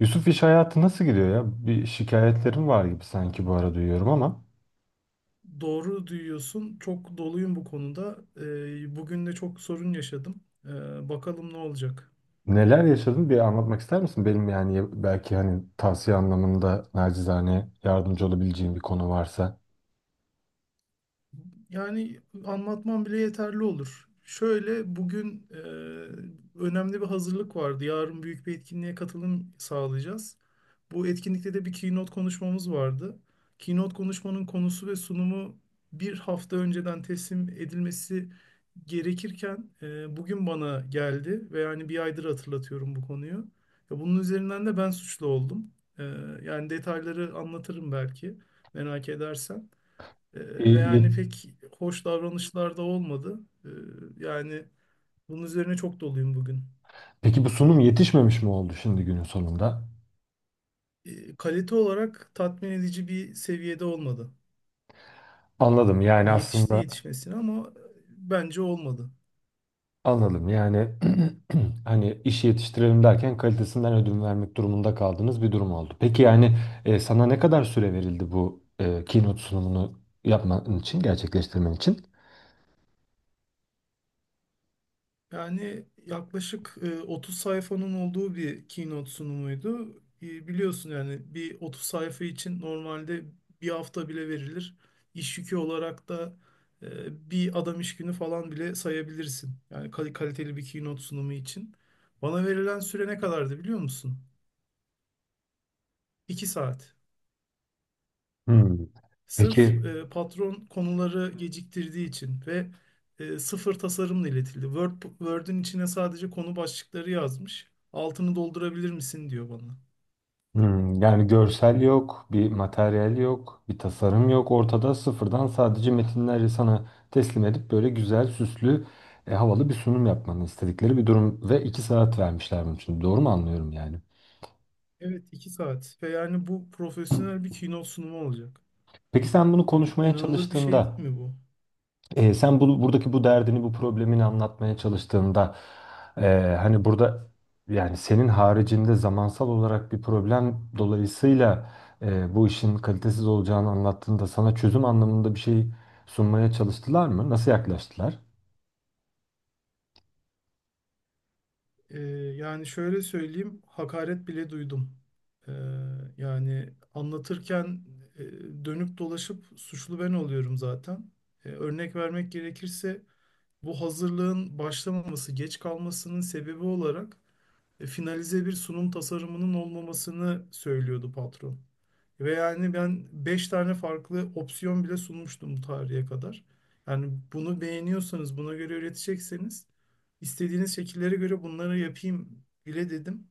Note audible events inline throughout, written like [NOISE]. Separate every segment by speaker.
Speaker 1: Yusuf, iş hayatı nasıl gidiyor ya? Bir şikayetlerin var gibi sanki, bu ara duyuyorum ama.
Speaker 2: Doğru duyuyorsun. Çok doluyum bu konuda. Bugün de çok sorun yaşadım. Bakalım ne olacak.
Speaker 1: Neler yaşadın, bir anlatmak ister misin? Benim, yani belki hani tavsiye anlamında nacizane yardımcı olabileceğim bir konu varsa.
Speaker 2: Yani anlatmam bile yeterli olur. Şöyle bugün önemli bir hazırlık vardı. Yarın büyük bir etkinliğe katılım sağlayacağız. Bu etkinlikte de bir keynote konuşmamız vardı. Keynote konuşmanın konusu ve sunumu bir hafta önceden teslim edilmesi gerekirken bugün bana geldi ve yani bir aydır hatırlatıyorum bu konuyu. Ya bunun üzerinden de ben suçlu oldum. E, yani detayları anlatırım belki merak edersen.
Speaker 1: E,
Speaker 2: Ve
Speaker 1: ye-
Speaker 2: yani pek hoş davranışlar da olmadı. Ee, yani bunun üzerine çok doluyum bugün.
Speaker 1: Peki bu sunum yetişmemiş mi oldu şimdi günün sonunda?
Speaker 2: Kalite olarak tatmin edici bir seviyede olmadı.
Speaker 1: Anladım, yani
Speaker 2: Yani yetişti
Speaker 1: aslında
Speaker 2: yetişmesine ama bence olmadı.
Speaker 1: anladım yani. [CLEARS THROAT] Hani iş yetiştirelim derken kalitesinden ödün vermek durumunda kaldığınız bir durum oldu. Peki yani, sana ne kadar süre verildi bu keynote sunumunu yapman için, gerçekleştirmen için?
Speaker 2: Yani yaklaşık 30 sayfanın olduğu bir keynote sunumuydu. Biliyorsun yani bir 30 sayfa için normalde bir hafta bile verilir. İş yükü olarak da bir adam iş günü falan bile sayabilirsin. Yani kaliteli bir keynote sunumu için. Bana verilen süre ne kadardı biliyor musun? 2 saat.
Speaker 1: Hmm.
Speaker 2: Sırf
Speaker 1: Peki.
Speaker 2: patron konuları geciktirdiği için ve sıfır tasarımla iletildi. Word'ün içine sadece konu başlıkları yazmış. Altını doldurabilir misin diyor bana.
Speaker 1: Yani görsel yok, bir materyal yok, bir tasarım yok ortada; sıfırdan sadece metinleri sana teslim edip böyle güzel, süslü, havalı bir sunum yapmanı istedikleri bir durum ve 2 saat vermişler bunun için. Doğru mu anlıyorum yani?
Speaker 2: Evet iki saat. Ve yani bu profesyonel bir keynote sunumu olacak.
Speaker 1: Peki sen bunu
Speaker 2: Yani
Speaker 1: konuşmaya
Speaker 2: inanılır bir şey
Speaker 1: çalıştığında,
Speaker 2: değil mi bu?
Speaker 1: Sen bu, buradaki bu derdini, bu problemini anlatmaya çalıştığında, hani burada, yani senin haricinde zamansal olarak bir problem dolayısıyla bu işin kalitesiz olacağını anlattığında, sana çözüm anlamında bir şey sunmaya çalıştılar mı? Nasıl yaklaştılar?
Speaker 2: Ee, yani şöyle söyleyeyim, hakaret bile duydum. Ee, yani anlatırken dönüp dolaşıp suçlu ben oluyorum zaten. Örnek vermek gerekirse bu hazırlığın başlamaması, geç kalmasının sebebi olarak finalize bir sunum tasarımının olmamasını söylüyordu patron. Ve yani ben 5 tane farklı opsiyon bile sunmuştum bu tarihe kadar. Yani bunu beğeniyorsanız, buna göre üretecekseniz İstediğiniz şekillere göre bunları yapayım bile dedim.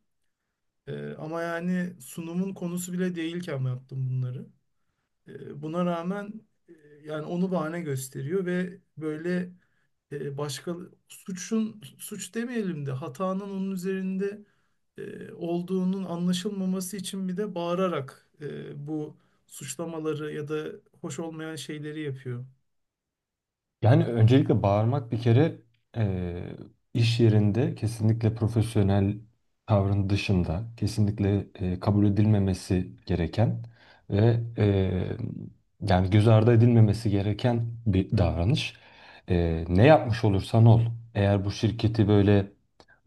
Speaker 2: Ama yani sunumun konusu bile değilken yaptım bunları. Buna rağmen e, yani onu bahane gösteriyor ve böyle başka suçun, suç demeyelim de hatanın onun üzerinde olduğunun anlaşılmaması için bir de bağırarak bu suçlamaları ya da hoş olmayan şeyleri yapıyor.
Speaker 1: Yani öncelikle bağırmak bir kere, eee, iş yerinde kesinlikle profesyonel tavrın dışında, kesinlikle kabul edilmemesi gereken ve yani göz ardı edilmemesi gereken bir davranış. Ne yapmış olursan ol, eğer bu şirketi böyle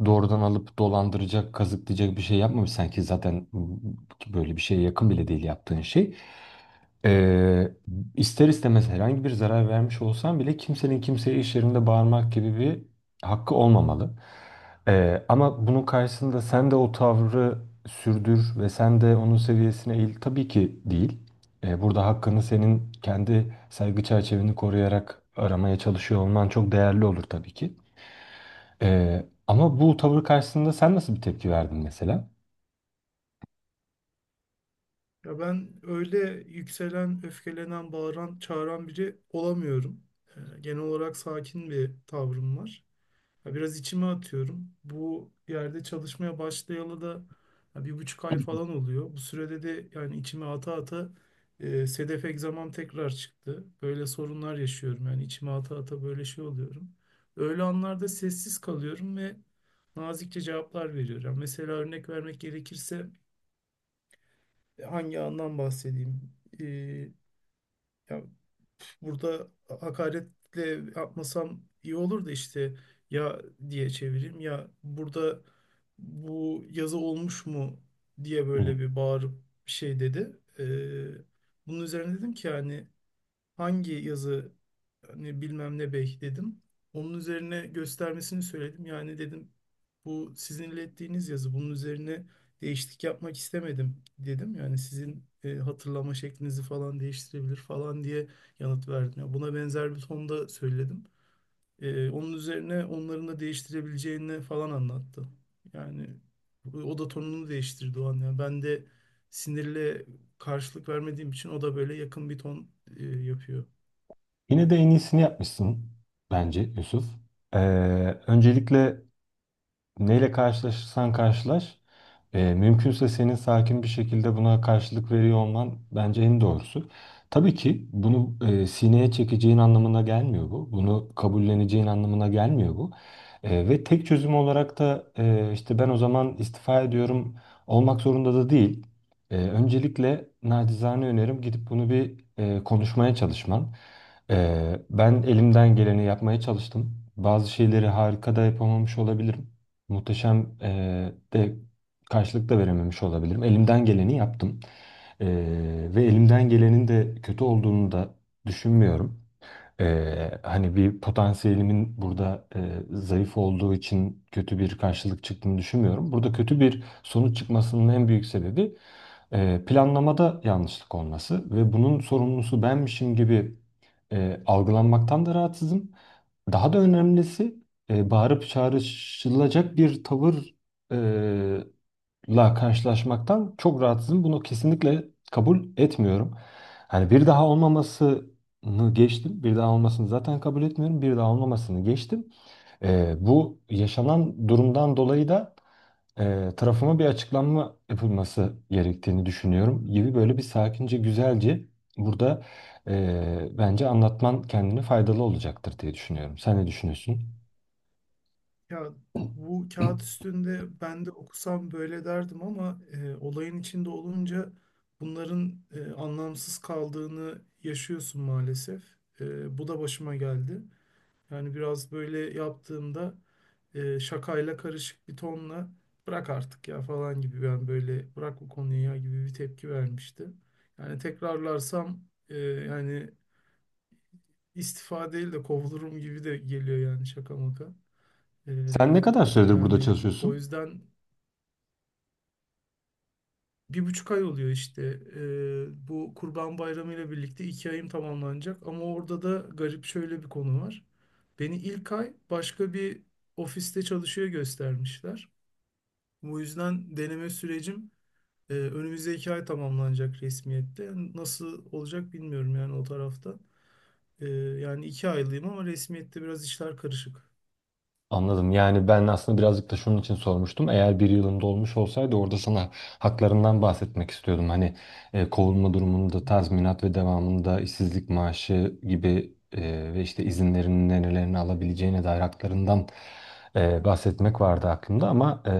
Speaker 1: doğrudan alıp dolandıracak, kazıklayacak bir şey yapmamışsan -ki zaten böyle bir şeye yakın bile değil yaptığın şey- Eee, İster istemez herhangi bir zarar vermiş olsam bile kimsenin kimseye iş yerinde bağırmak gibi bir hakkı olmamalı. Ama bunun karşısında sen de o tavrı sürdür ve sen de onun seviyesine eğil. Tabii ki değil. Burada hakkını, senin kendi saygı çerçeveni koruyarak aramaya çalışıyor olman çok değerli olur tabii ki. Ama bu tavır karşısında sen nasıl bir tepki verdin mesela?
Speaker 2: Ya ben öyle yükselen, öfkelenen, bağıran, çağıran biri olamıyorum. Genel olarak sakin bir tavrım var. Ya biraz içime atıyorum. Bu yerde çalışmaya başlayalı da ya bir buçuk ay falan oluyor. Bu sürede de yani içime ata ata sedef egzamam tekrar çıktı. Böyle sorunlar yaşıyorum. Yani içime ata ata böyle şey oluyorum. Öyle anlarda sessiz kalıyorum ve nazikçe cevaplar veriyorum. Yani mesela örnek vermek gerekirse hangi andan bahsedeyim? Ee, ya burada hakaretle yapmasam iyi olur da işte ya diye çevireyim ya, burada bu yazı olmuş mu diye
Speaker 1: Hmm.
Speaker 2: böyle bir bağırıp bir şey dedi. Bunun üzerine dedim ki yani hangi yazı hani bilmem ne bey dedim. Onun üzerine göstermesini söyledim. Yani dedim bu sizin ilettiğiniz yazı. Bunun üzerine değişiklik yapmak istemedim dedim. Yani sizin hatırlama şeklinizi falan değiştirebilir falan diye yanıt verdim. Ya buna benzer bir tonda söyledim. Onun üzerine onların da değiştirebileceğini falan anlattı. Yani o da tonunu değiştirdi o an. Yani ben de sinirle karşılık vermediğim için o da böyle yakın bir ton yapıyor.
Speaker 1: Yine de en iyisini yapmışsın bence, Yusuf. Ee, Öncelikle neyle karşılaşırsan karşılaş, mümkünse senin sakin bir şekilde buna karşılık veriyor olman bence en doğrusu. Tabii ki bunu sineye çekeceğin anlamına gelmiyor bu. Bunu kabulleneceğin anlamına gelmiyor bu. Ve tek çözüm olarak da, işte ben o zaman istifa ediyorum olmak zorunda da değil. Öncelikle nacizane önerim, gidip bunu bir konuşmaya çalışman. E, Ben elimden geleni yapmaya çalıştım. Bazı şeyleri harika da yapamamış olabilirim. Muhteşem de karşılık da verememiş olabilirim. Elimden geleni yaptım. Ve elimden gelenin de kötü olduğunu da düşünmüyorum. Hani bir potansiyelimin burada zayıf olduğu için kötü bir karşılık çıktığını düşünmüyorum. Burada kötü bir sonuç çıkmasının en büyük sebebi planlamada yanlışlık olması ve bunun sorumlusu benmişim gibi algılanmaktan da rahatsızım. Daha da önemlisi bağırıp çağrışılacak bir tavır la karşılaşmaktan çok rahatsızım. Bunu kesinlikle kabul etmiyorum. Hani bir daha olmamasını geçtim, bir daha olmasını zaten kabul etmiyorum. Bir daha olmamasını geçtim. Bu yaşanan durumdan dolayı da tarafıma bir açıklanma yapılması gerektiğini düşünüyorum gibi, böyle bir sakince, güzelce burada bence anlatman kendini faydalı olacaktır diye düşünüyorum. Sen ne düşünüyorsun?
Speaker 2: Ya bu kağıt üstünde ben de okusam böyle derdim ama olayın içinde olunca bunların anlamsız kaldığını yaşıyorsun maalesef. Bu da başıma geldi. Yani biraz böyle yaptığımda şakayla karışık bir tonla bırak artık ya falan gibi, ben böyle bırak bu konuyu ya gibi bir tepki vermişti. Yani tekrarlarsam yani istifa değil de kovulurum gibi de geliyor yani, şaka maka. Ee,
Speaker 1: Sen ne kadar süredir burada
Speaker 2: yani o
Speaker 1: çalışıyorsun?
Speaker 2: yüzden bir buçuk ay oluyor işte. Bu Kurban Bayramı ile birlikte iki ayım tamamlanacak. Ama orada da garip şöyle bir konu var. Beni ilk ay başka bir ofiste çalışıyor göstermişler. Bu yüzden deneme sürecim önümüzdeki ay tamamlanacak resmiyette. Nasıl olacak bilmiyorum yani o tarafta. Yani iki aylıyım ama resmiyette biraz işler karışık.
Speaker 1: Anladım. Yani ben aslında birazcık da şunun için sormuştum. Eğer bir yılın dolmuş olsaydı, orada sana haklarından bahsetmek istiyordum. Hani kovulma durumunda tazminat ve devamında işsizlik maaşı gibi, ve işte izinlerin nerelerini alabileceğine dair haklarından bahsetmek vardı aklımda, ama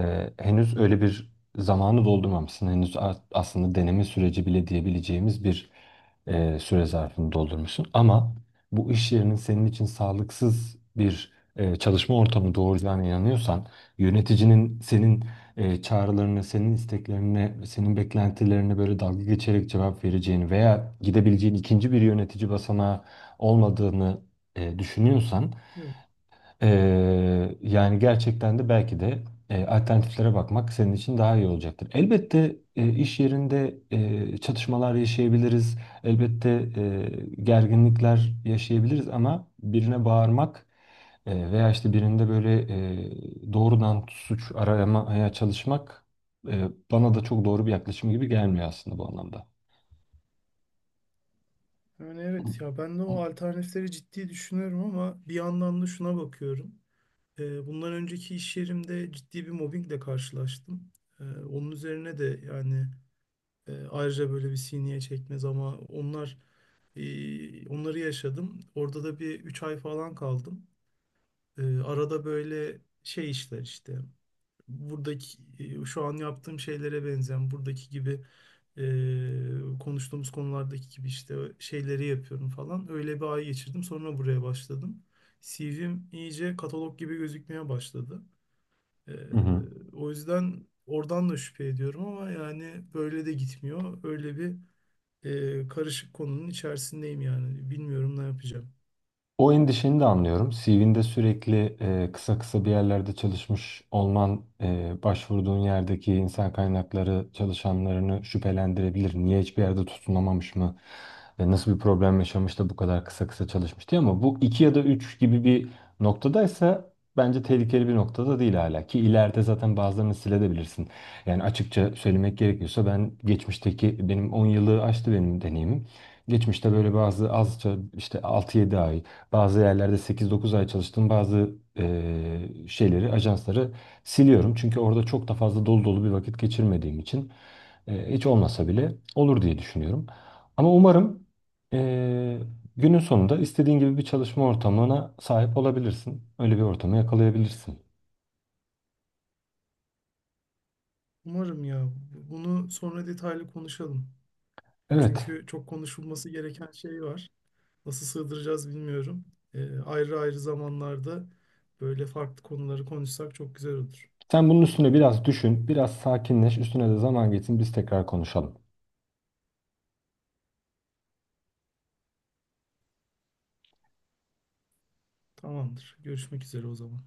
Speaker 1: henüz öyle bir zamanı doldurmamışsın. Henüz, aslında deneme süreci bile diyebileceğimiz bir süre zarfını doldurmuşsun. Ama bu iş yerinin senin için sağlıksız bir çalışma ortamı doğuracağına inanıyorsan, yöneticinin senin çağrılarına, senin isteklerine, senin beklentilerine böyle dalga geçerek cevap vereceğini veya gidebileceğin ikinci bir yönetici basamağı olmadığını düşünüyorsan,
Speaker 2: Yok.
Speaker 1: yani gerçekten de belki de alternatiflere bakmak senin için daha iyi olacaktır. Elbette iş yerinde çatışmalar yaşayabiliriz. Elbette gerginlikler yaşayabiliriz, ama birine bağırmak veya işte birinde böyle doğrudan suç aramaya çalışmak bana da çok doğru bir yaklaşım gibi gelmiyor aslında, bu anlamda.
Speaker 2: Yani evet ya, ben de o alternatifleri ciddi düşünüyorum ama bir yandan da şuna bakıyorum. Bundan önceki iş yerimde ciddi bir mobbingle karşılaştım. Onun üzerine de yani ayrıca böyle bir sineye çekmez ama onlar onları yaşadım. Orada da bir 3 ay falan kaldım. Arada böyle şey işler işte buradaki şu an yaptığım şeylere benzeyen buradaki gibi konuştuğumuz konulardaki gibi işte şeyleri yapıyorum falan. Öyle bir ay geçirdim. Sonra buraya başladım. CV'm iyice katalog gibi gözükmeye başladı. E,
Speaker 1: Hı hı.
Speaker 2: o yüzden oradan da şüphe ediyorum ama yani böyle de gitmiyor. Öyle bir karışık konunun içerisindeyim yani. Bilmiyorum ne yapacağım.
Speaker 1: O endişeni de anlıyorum. CV'nde sürekli kısa kısa bir yerlerde çalışmış olman, başvurduğun yerdeki insan kaynakları çalışanlarını şüphelendirebilir. Niye hiçbir yerde tutunamamış mı? Nasıl bir problem yaşamış da bu kadar kısa kısa çalışmış diye. Ama bu iki ya da üç gibi bir noktadaysa, bence tehlikeli bir noktada değil hala, ki ileride zaten bazılarını silebilirsin. Yani açıkça söylemek gerekiyorsa, ben geçmişteki, benim 10 yılı aştı benim deneyimim. Geçmişte böyle bazı azca, işte 6-7 ay, bazı yerlerde 8-9 ay çalıştığım bazı şeyleri, ajansları siliyorum. Çünkü orada çok da fazla dolu dolu bir vakit geçirmediğim için hiç olmasa bile olur diye düşünüyorum. Ama umarım eee, günün sonunda istediğin gibi bir çalışma ortamına sahip olabilirsin. Öyle bir ortamı yakalayabilirsin.
Speaker 2: Umarım, ya bunu sonra detaylı konuşalım. Ya
Speaker 1: Evet,
Speaker 2: çünkü çok konuşulması gereken şey var. Nasıl sığdıracağız bilmiyorum. Ayrı ayrı zamanlarda böyle farklı konuları konuşsak çok güzel olur.
Speaker 1: sen bunun üstüne biraz düşün, biraz sakinleş, üstüne de zaman geçsin, biz tekrar konuşalım.
Speaker 2: Tamamdır. Görüşmek üzere o zaman.